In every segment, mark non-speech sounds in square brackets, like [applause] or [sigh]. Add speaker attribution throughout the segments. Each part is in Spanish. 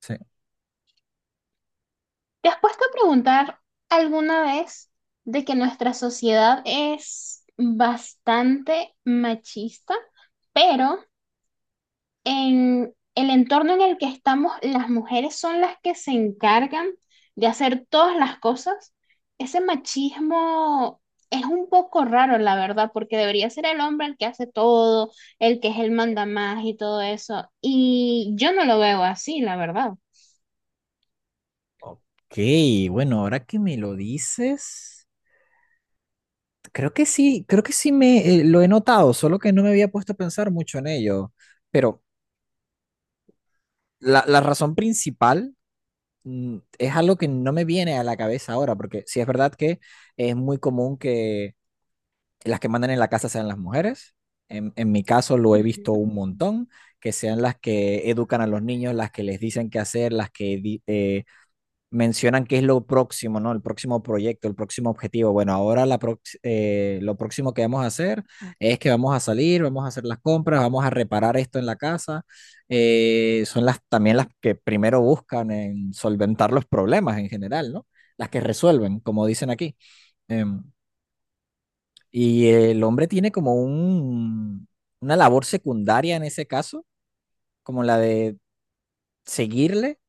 Speaker 1: Sí.
Speaker 2: ¿Te has puesto a preguntar alguna vez de que nuestra sociedad es bastante machista, pero en el entorno en el que estamos, las mujeres son las que se encargan de hacer todas las cosas? Ese machismo es un poco raro, la verdad, porque debería ser el hombre el que hace todo, el que es el mandamás y todo eso. Y yo no lo veo así, la verdad.
Speaker 1: Ok, bueno, ahora que me lo dices, creo que sí me lo he notado, solo que no me había puesto a pensar mucho en ello. Pero la razón principal es algo que no me viene a la cabeza ahora, porque sí es verdad que es muy común que las que mandan en la casa sean las mujeres. En mi caso lo he visto un montón, que sean las que educan a los niños, las que les dicen qué hacer, las que mencionan qué es lo próximo, ¿no? El próximo proyecto, el próximo objetivo. Bueno, ahora lo próximo que vamos a hacer es que vamos a salir, vamos a hacer las compras, vamos a reparar esto en la casa. Son las también las que primero buscan en solventar los problemas en general, ¿no? Las que resuelven, como dicen aquí. Em, y el hombre tiene como una labor secundaria en ese caso, como la de seguirle,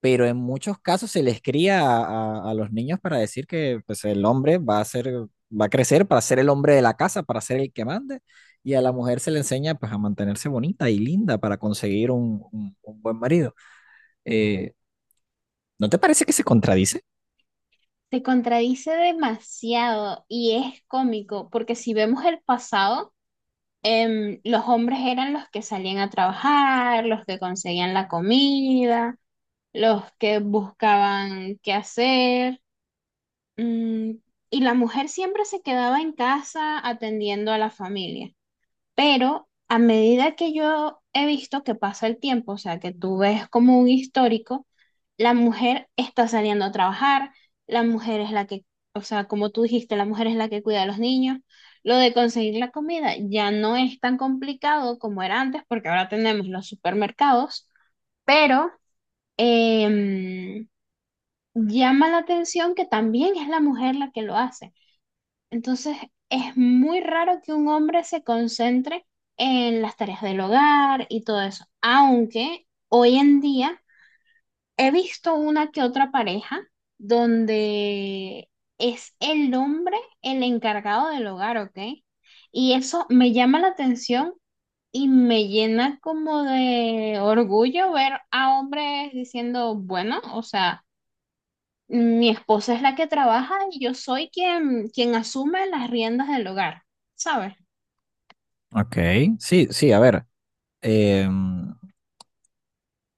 Speaker 1: pero en muchos casos se les cría a los niños para decir que, pues, el hombre va a ser, va a crecer para ser el hombre de la casa, para ser el que mande, y a la mujer se le enseña, pues, a mantenerse bonita y linda para conseguir un buen marido. Eh, ¿No te parece que se contradice?
Speaker 2: Se contradice demasiado y es cómico, porque si vemos el pasado, los hombres eran los que salían a trabajar, los que conseguían la comida, los que buscaban qué hacer, mm, y la mujer siempre se quedaba en casa atendiendo a la familia. Pero a medida que yo he visto que pasa el tiempo, o sea, que tú ves como un histórico, la mujer está saliendo a trabajar, la mujer es la que, o sea, como tú dijiste, la mujer es la que cuida a los niños. Lo de conseguir la comida ya no es tan complicado como era antes, porque ahora tenemos los supermercados, pero em, llama la atención que también es la mujer la que lo hace. Entonces, es muy raro que un hombre se concentre en las tareas del hogar y todo eso, aunque hoy en día he visto una que otra pareja donde es el hombre el encargado del hogar, ¿ok? Y eso me llama la atención y me llena como de orgullo ver a hombres diciendo, bueno, o sea. Mi esposa es la que trabaja y yo soy quien asume las riendas del hogar, ¿sabes?
Speaker 1: Ok, sí, sí, a ver, em,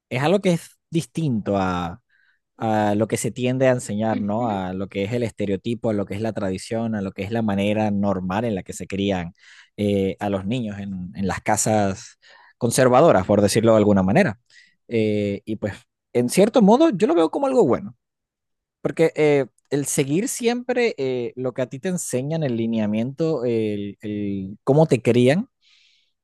Speaker 1: es algo que es distinto a lo que se tiende a enseñar, ¿no?
Speaker 2: Ujú,
Speaker 1: A lo que es el estereotipo, a lo que es la tradición, a lo que es la manera normal en la que se crían a los niños en, las casas conservadoras, por decirlo de alguna manera. Y pues, en cierto modo, yo lo veo como algo bueno, porque el seguir siempre lo que a ti te enseñan, el lineamiento, el cómo te crían,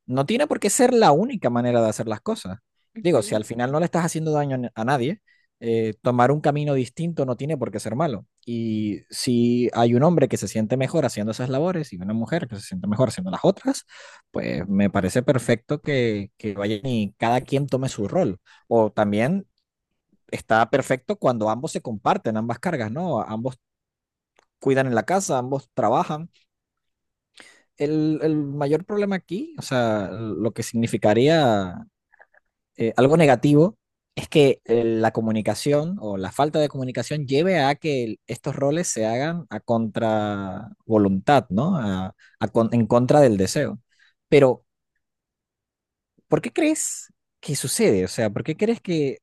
Speaker 1: no tiene por qué ser la única manera de hacer las cosas. Digo, si
Speaker 2: ujú.
Speaker 1: al final no le estás haciendo daño a a nadie, tomar un camino distinto no tiene por qué ser malo. Y si hay un hombre que se siente mejor haciendo esas labores y una mujer que se siente mejor haciendo las otras, pues me parece perfecto que vayan y cada quien tome su rol. O también está perfecto cuando ambos se comparten, ambas cargas, ¿no? Ambos cuidan en la casa, ambos trabajan. El mayor problema aquí, o sea, lo que significaría algo negativo es que la comunicación o la falta de comunicación lleve a que estos roles se hagan a contra voluntad, ¿no? En contra del deseo. Pero, ¿por qué crees que sucede? O sea, ¿por qué crees que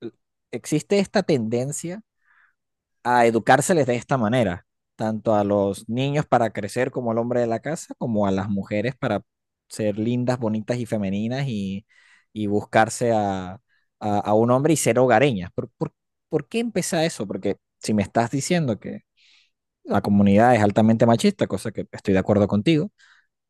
Speaker 1: eh, existe esta tendencia a educárseles de esta manera, tanto a los niños para crecer como al hombre de la casa, como a las mujeres para ser lindas, bonitas y femeninas y buscarse a un hombre y ser hogareñas. Por qué empieza eso? Porque si me estás diciendo que la comunidad es altamente machista, cosa que estoy de acuerdo contigo,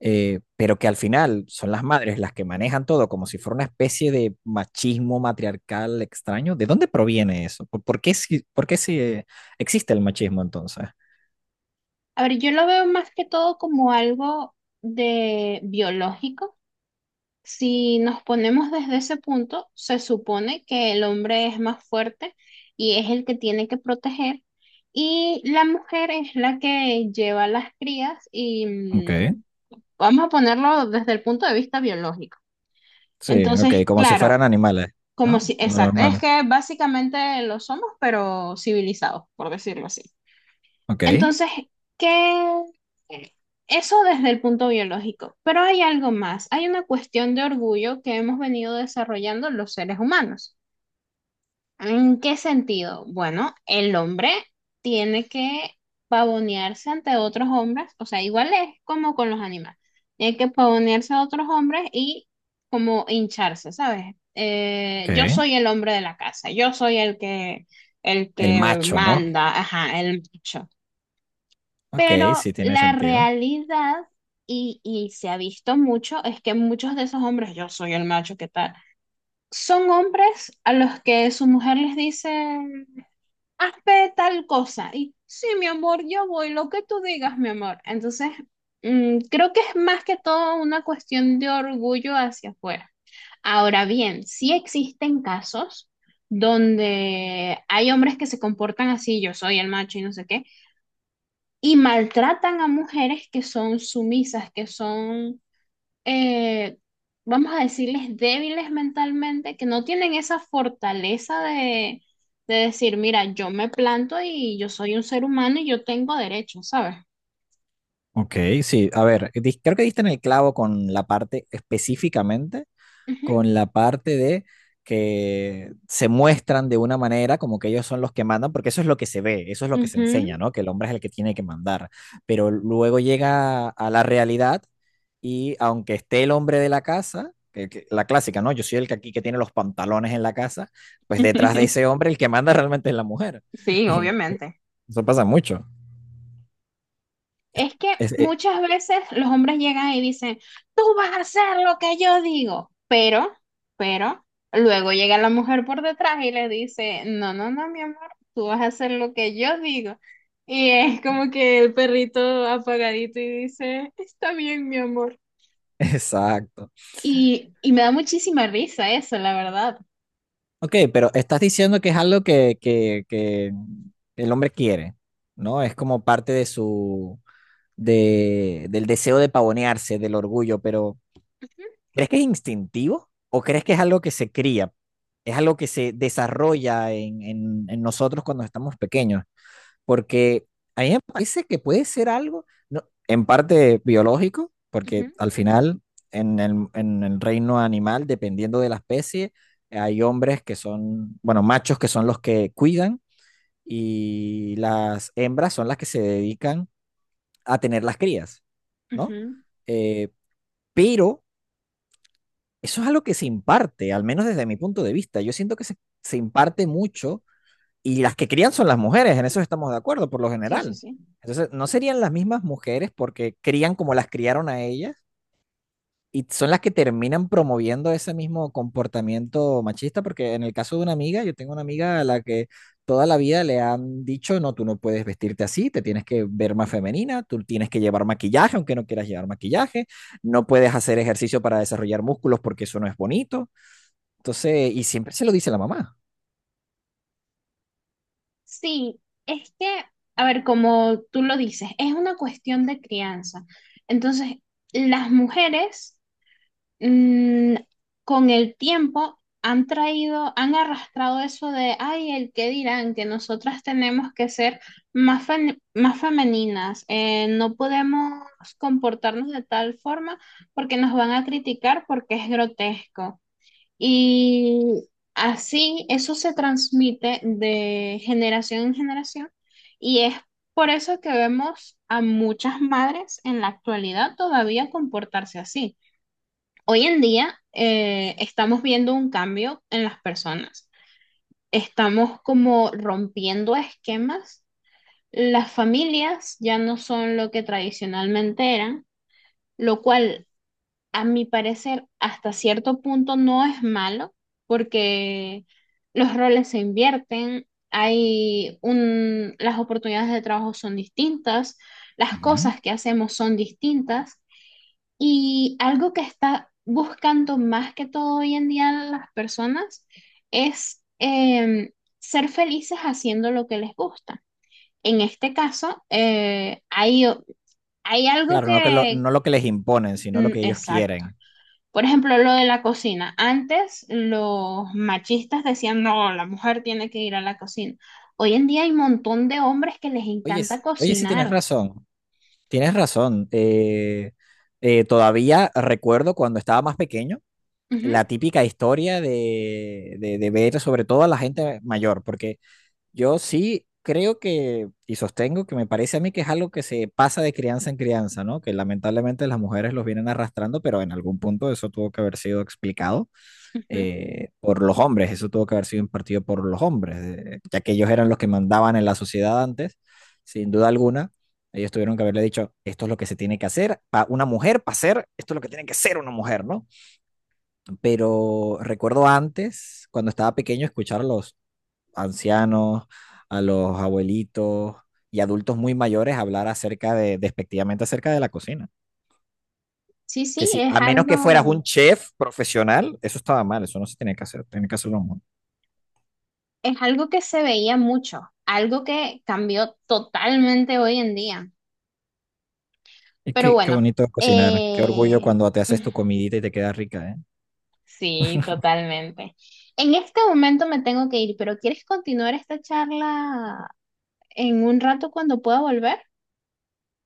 Speaker 1: pero que al final son las madres las que manejan todo como si fuera una especie de machismo matriarcal extraño. ¿De dónde proviene eso? Por qué si, por qué si, existe el machismo entonces?
Speaker 2: A ver, yo lo veo más que todo como algo de biológico. Si nos ponemos desde ese punto, se supone que el hombre es más fuerte y es el que tiene que proteger y la mujer es la que lleva las crías y
Speaker 1: Ok,
Speaker 2: vamos a ponerlo desde el punto de vista biológico.
Speaker 1: sí, ok,
Speaker 2: Entonces,
Speaker 1: como si
Speaker 2: claro,
Speaker 1: fueran animales,
Speaker 2: como si,
Speaker 1: ¿no? Lo
Speaker 2: exacto, es
Speaker 1: normal.
Speaker 2: que básicamente lo somos, pero civilizados, por decirlo así.
Speaker 1: Ok,
Speaker 2: Entonces, ¿qué? Eso desde el punto biológico, pero hay algo más, hay una cuestión de orgullo que hemos venido desarrollando los seres humanos. ¿En qué sentido? Bueno, el hombre tiene que pavonearse ante otros hombres, o sea, igual es como con los animales, tiene que pavonearse a otros hombres y como hincharse, ¿sabes?
Speaker 1: ok,
Speaker 2: Yo soy el hombre de la casa, yo soy el
Speaker 1: el
Speaker 2: que
Speaker 1: macho, ¿no?
Speaker 2: manda, ajá, el macho.
Speaker 1: Ok,
Speaker 2: Pero
Speaker 1: sí tiene
Speaker 2: la
Speaker 1: sentido.
Speaker 2: realidad, y se ha visto mucho, es que muchos de esos hombres, yo soy el macho, ¿qué tal? Son hombres a los que su mujer les dice, hazme tal cosa. Y sí, mi amor, yo voy, lo que tú digas, mi amor. Entonces, creo que es más que todo una cuestión de orgullo hacia afuera. Ahora bien, sí existen casos donde hay hombres que se comportan así, yo soy el macho y no sé qué, y maltratan a mujeres que son sumisas, que son eh, vamos a decirles, débiles mentalmente, que no tienen esa fortaleza de decir, mira, yo me planto y yo soy un ser humano y yo tengo derechos, ¿sabes?
Speaker 1: Ok, sí, a ver, creo que diste en el clavo con la parte específicamente
Speaker 2: Ujú,
Speaker 1: con la parte de que se muestran de una manera como que ellos son los que mandan, porque eso es lo que se ve, eso es lo que se enseña,
Speaker 2: ujú.
Speaker 1: ¿no? Que el hombre es el que tiene que mandar, pero luego llega a la realidad y aunque esté el hombre de la casa, la clásica, ¿no? Yo soy el que aquí que tiene los pantalones en la casa, pues detrás de ese
Speaker 2: [laughs]
Speaker 1: hombre el que manda realmente es la mujer.
Speaker 2: Sí,
Speaker 1: [laughs]
Speaker 2: obviamente.
Speaker 1: Eso pasa mucho.
Speaker 2: Es que
Speaker 1: Es- eh,
Speaker 2: muchas veces los hombres llegan y dicen, tú vas a hacer lo que yo digo, pero, luego llega la mujer por detrás y le dice, no, no, no, mi amor, tú vas a hacer lo que yo digo. Y es como
Speaker 1: [laughs]
Speaker 2: que el perrito apagadito y dice, está bien, mi amor.
Speaker 1: exacto.
Speaker 2: Y me da muchísima risa eso, la verdad.
Speaker 1: Ok, pero estás diciendo que es algo que el hombre quiere, ¿no? Es como parte de su, de, del deseo de pavonearse, del orgullo, pero ¿crees que es instintivo o crees que es algo que se cría? Es algo que se desarrolla en nosotros cuando estamos pequeños porque a mí me parece que puede ser algo, no, en parte biológico, porque
Speaker 2: Ujú,
Speaker 1: al final en en el reino animal, dependiendo de la especie, hay hombres que son, bueno, machos que son los que cuidan y las hembras son las que se dedican a tener las crías, ¿no?
Speaker 2: ujú.
Speaker 1: Eh, pero eso es algo que se imparte, al menos desde mi punto de vista. Yo siento que se imparte mucho y las que crían son las mujeres, en eso estamos de acuerdo por lo
Speaker 2: Sí, sí,
Speaker 1: general.
Speaker 2: sí.
Speaker 1: Entonces, ¿no serían las mismas mujeres porque crían como las criaron a ellas? Y son las que terminan promoviendo ese mismo comportamiento machista, porque en el caso de una amiga, yo tengo una amiga a la que toda la vida le han dicho, no, tú no puedes vestirte así, te tienes que ver más femenina, tú tienes que llevar maquillaje, aunque no quieras llevar maquillaje, no puedes hacer ejercicio para desarrollar músculos porque eso no es bonito. Entonces, y siempre se lo dice la mamá.
Speaker 2: Sí, es que, a ver, como tú lo dices, es una cuestión de crianza. Entonces, las mujeres mm, con el tiempo han traído, han arrastrado eso de, ay, el que dirán, que nosotras tenemos que ser más, más femeninas, no podemos comportarnos de tal forma porque nos van a criticar porque es grotesco. Y así eso se transmite de generación en generación y es por eso que vemos a muchas madres en la actualidad todavía comportarse así. Hoy en día estamos viendo un cambio en las personas, estamos como rompiendo esquemas, las familias ya no son lo que tradicionalmente eran, lo cual a mi parecer, hasta cierto punto no es malo, porque los roles se invierten, las oportunidades de trabajo son distintas, las
Speaker 1: Ujú.
Speaker 2: cosas que hacemos son distintas, y algo que está buscando más que todo hoy en día las personas es ser felices haciendo lo que les gusta. En este caso, hay algo
Speaker 1: Claro, no, que lo,
Speaker 2: que.
Speaker 1: no lo que les imponen, sino lo
Speaker 2: Mm,
Speaker 1: que ellos
Speaker 2: exacto.
Speaker 1: quieren.
Speaker 2: Por ejemplo, lo de la cocina. Antes los machistas decían, no, la mujer tiene que ir a la cocina. Hoy en día hay un montón de hombres que les
Speaker 1: Oye,
Speaker 2: encanta
Speaker 1: oye, sí tienes
Speaker 2: cocinar.
Speaker 1: razón, tienes razón. Todavía recuerdo cuando estaba más pequeño
Speaker 2: Ujú.
Speaker 1: la típica historia de ver sobre todo a la gente mayor, porque yo sí creo que, y sostengo que me parece a mí que es algo que se pasa de crianza en crianza, ¿no? Que lamentablemente las mujeres los vienen arrastrando, pero en algún punto eso tuvo que haber sido explicado.
Speaker 2: Ujú.
Speaker 1: Por los hombres. Eso tuvo que haber sido impartido por los hombres, ya que ellos eran los que mandaban en la sociedad antes, sin duda alguna. Ellos tuvieron que haberle dicho, esto es lo que se tiene que hacer, para una mujer, para hacer esto es lo que tiene que ser una mujer, ¿no? Pero recuerdo antes, cuando estaba pequeño, escuchar a los ancianos, a los abuelitos y adultos muy mayores hablar acerca de, despectivamente acerca de la cocina.
Speaker 2: Sí,
Speaker 1: Que
Speaker 2: sí,
Speaker 1: sí,
Speaker 2: es
Speaker 1: a menos que fueras un
Speaker 2: algo,
Speaker 1: chef profesional, eso estaba mal, eso no se tenía que hacer, tenía que hacerlo.
Speaker 2: que se veía mucho, algo que cambió totalmente hoy en día.
Speaker 1: Y
Speaker 2: Pero
Speaker 1: qué, qué
Speaker 2: bueno,
Speaker 1: bonito cocinar. Qué orgullo
Speaker 2: eh,
Speaker 1: cuando te haces tu
Speaker 2: [laughs]
Speaker 1: comidita y te queda rica, ¿eh?
Speaker 2: sí, totalmente. En este momento me tengo que ir, pero ¿quieres continuar esta charla en un rato cuando pueda volver?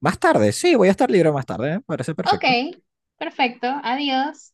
Speaker 1: Más tarde, sí, voy a estar libre más tarde, ¿eh? Parece
Speaker 2: Ok,
Speaker 1: perfecto.
Speaker 2: perfecto, adiós.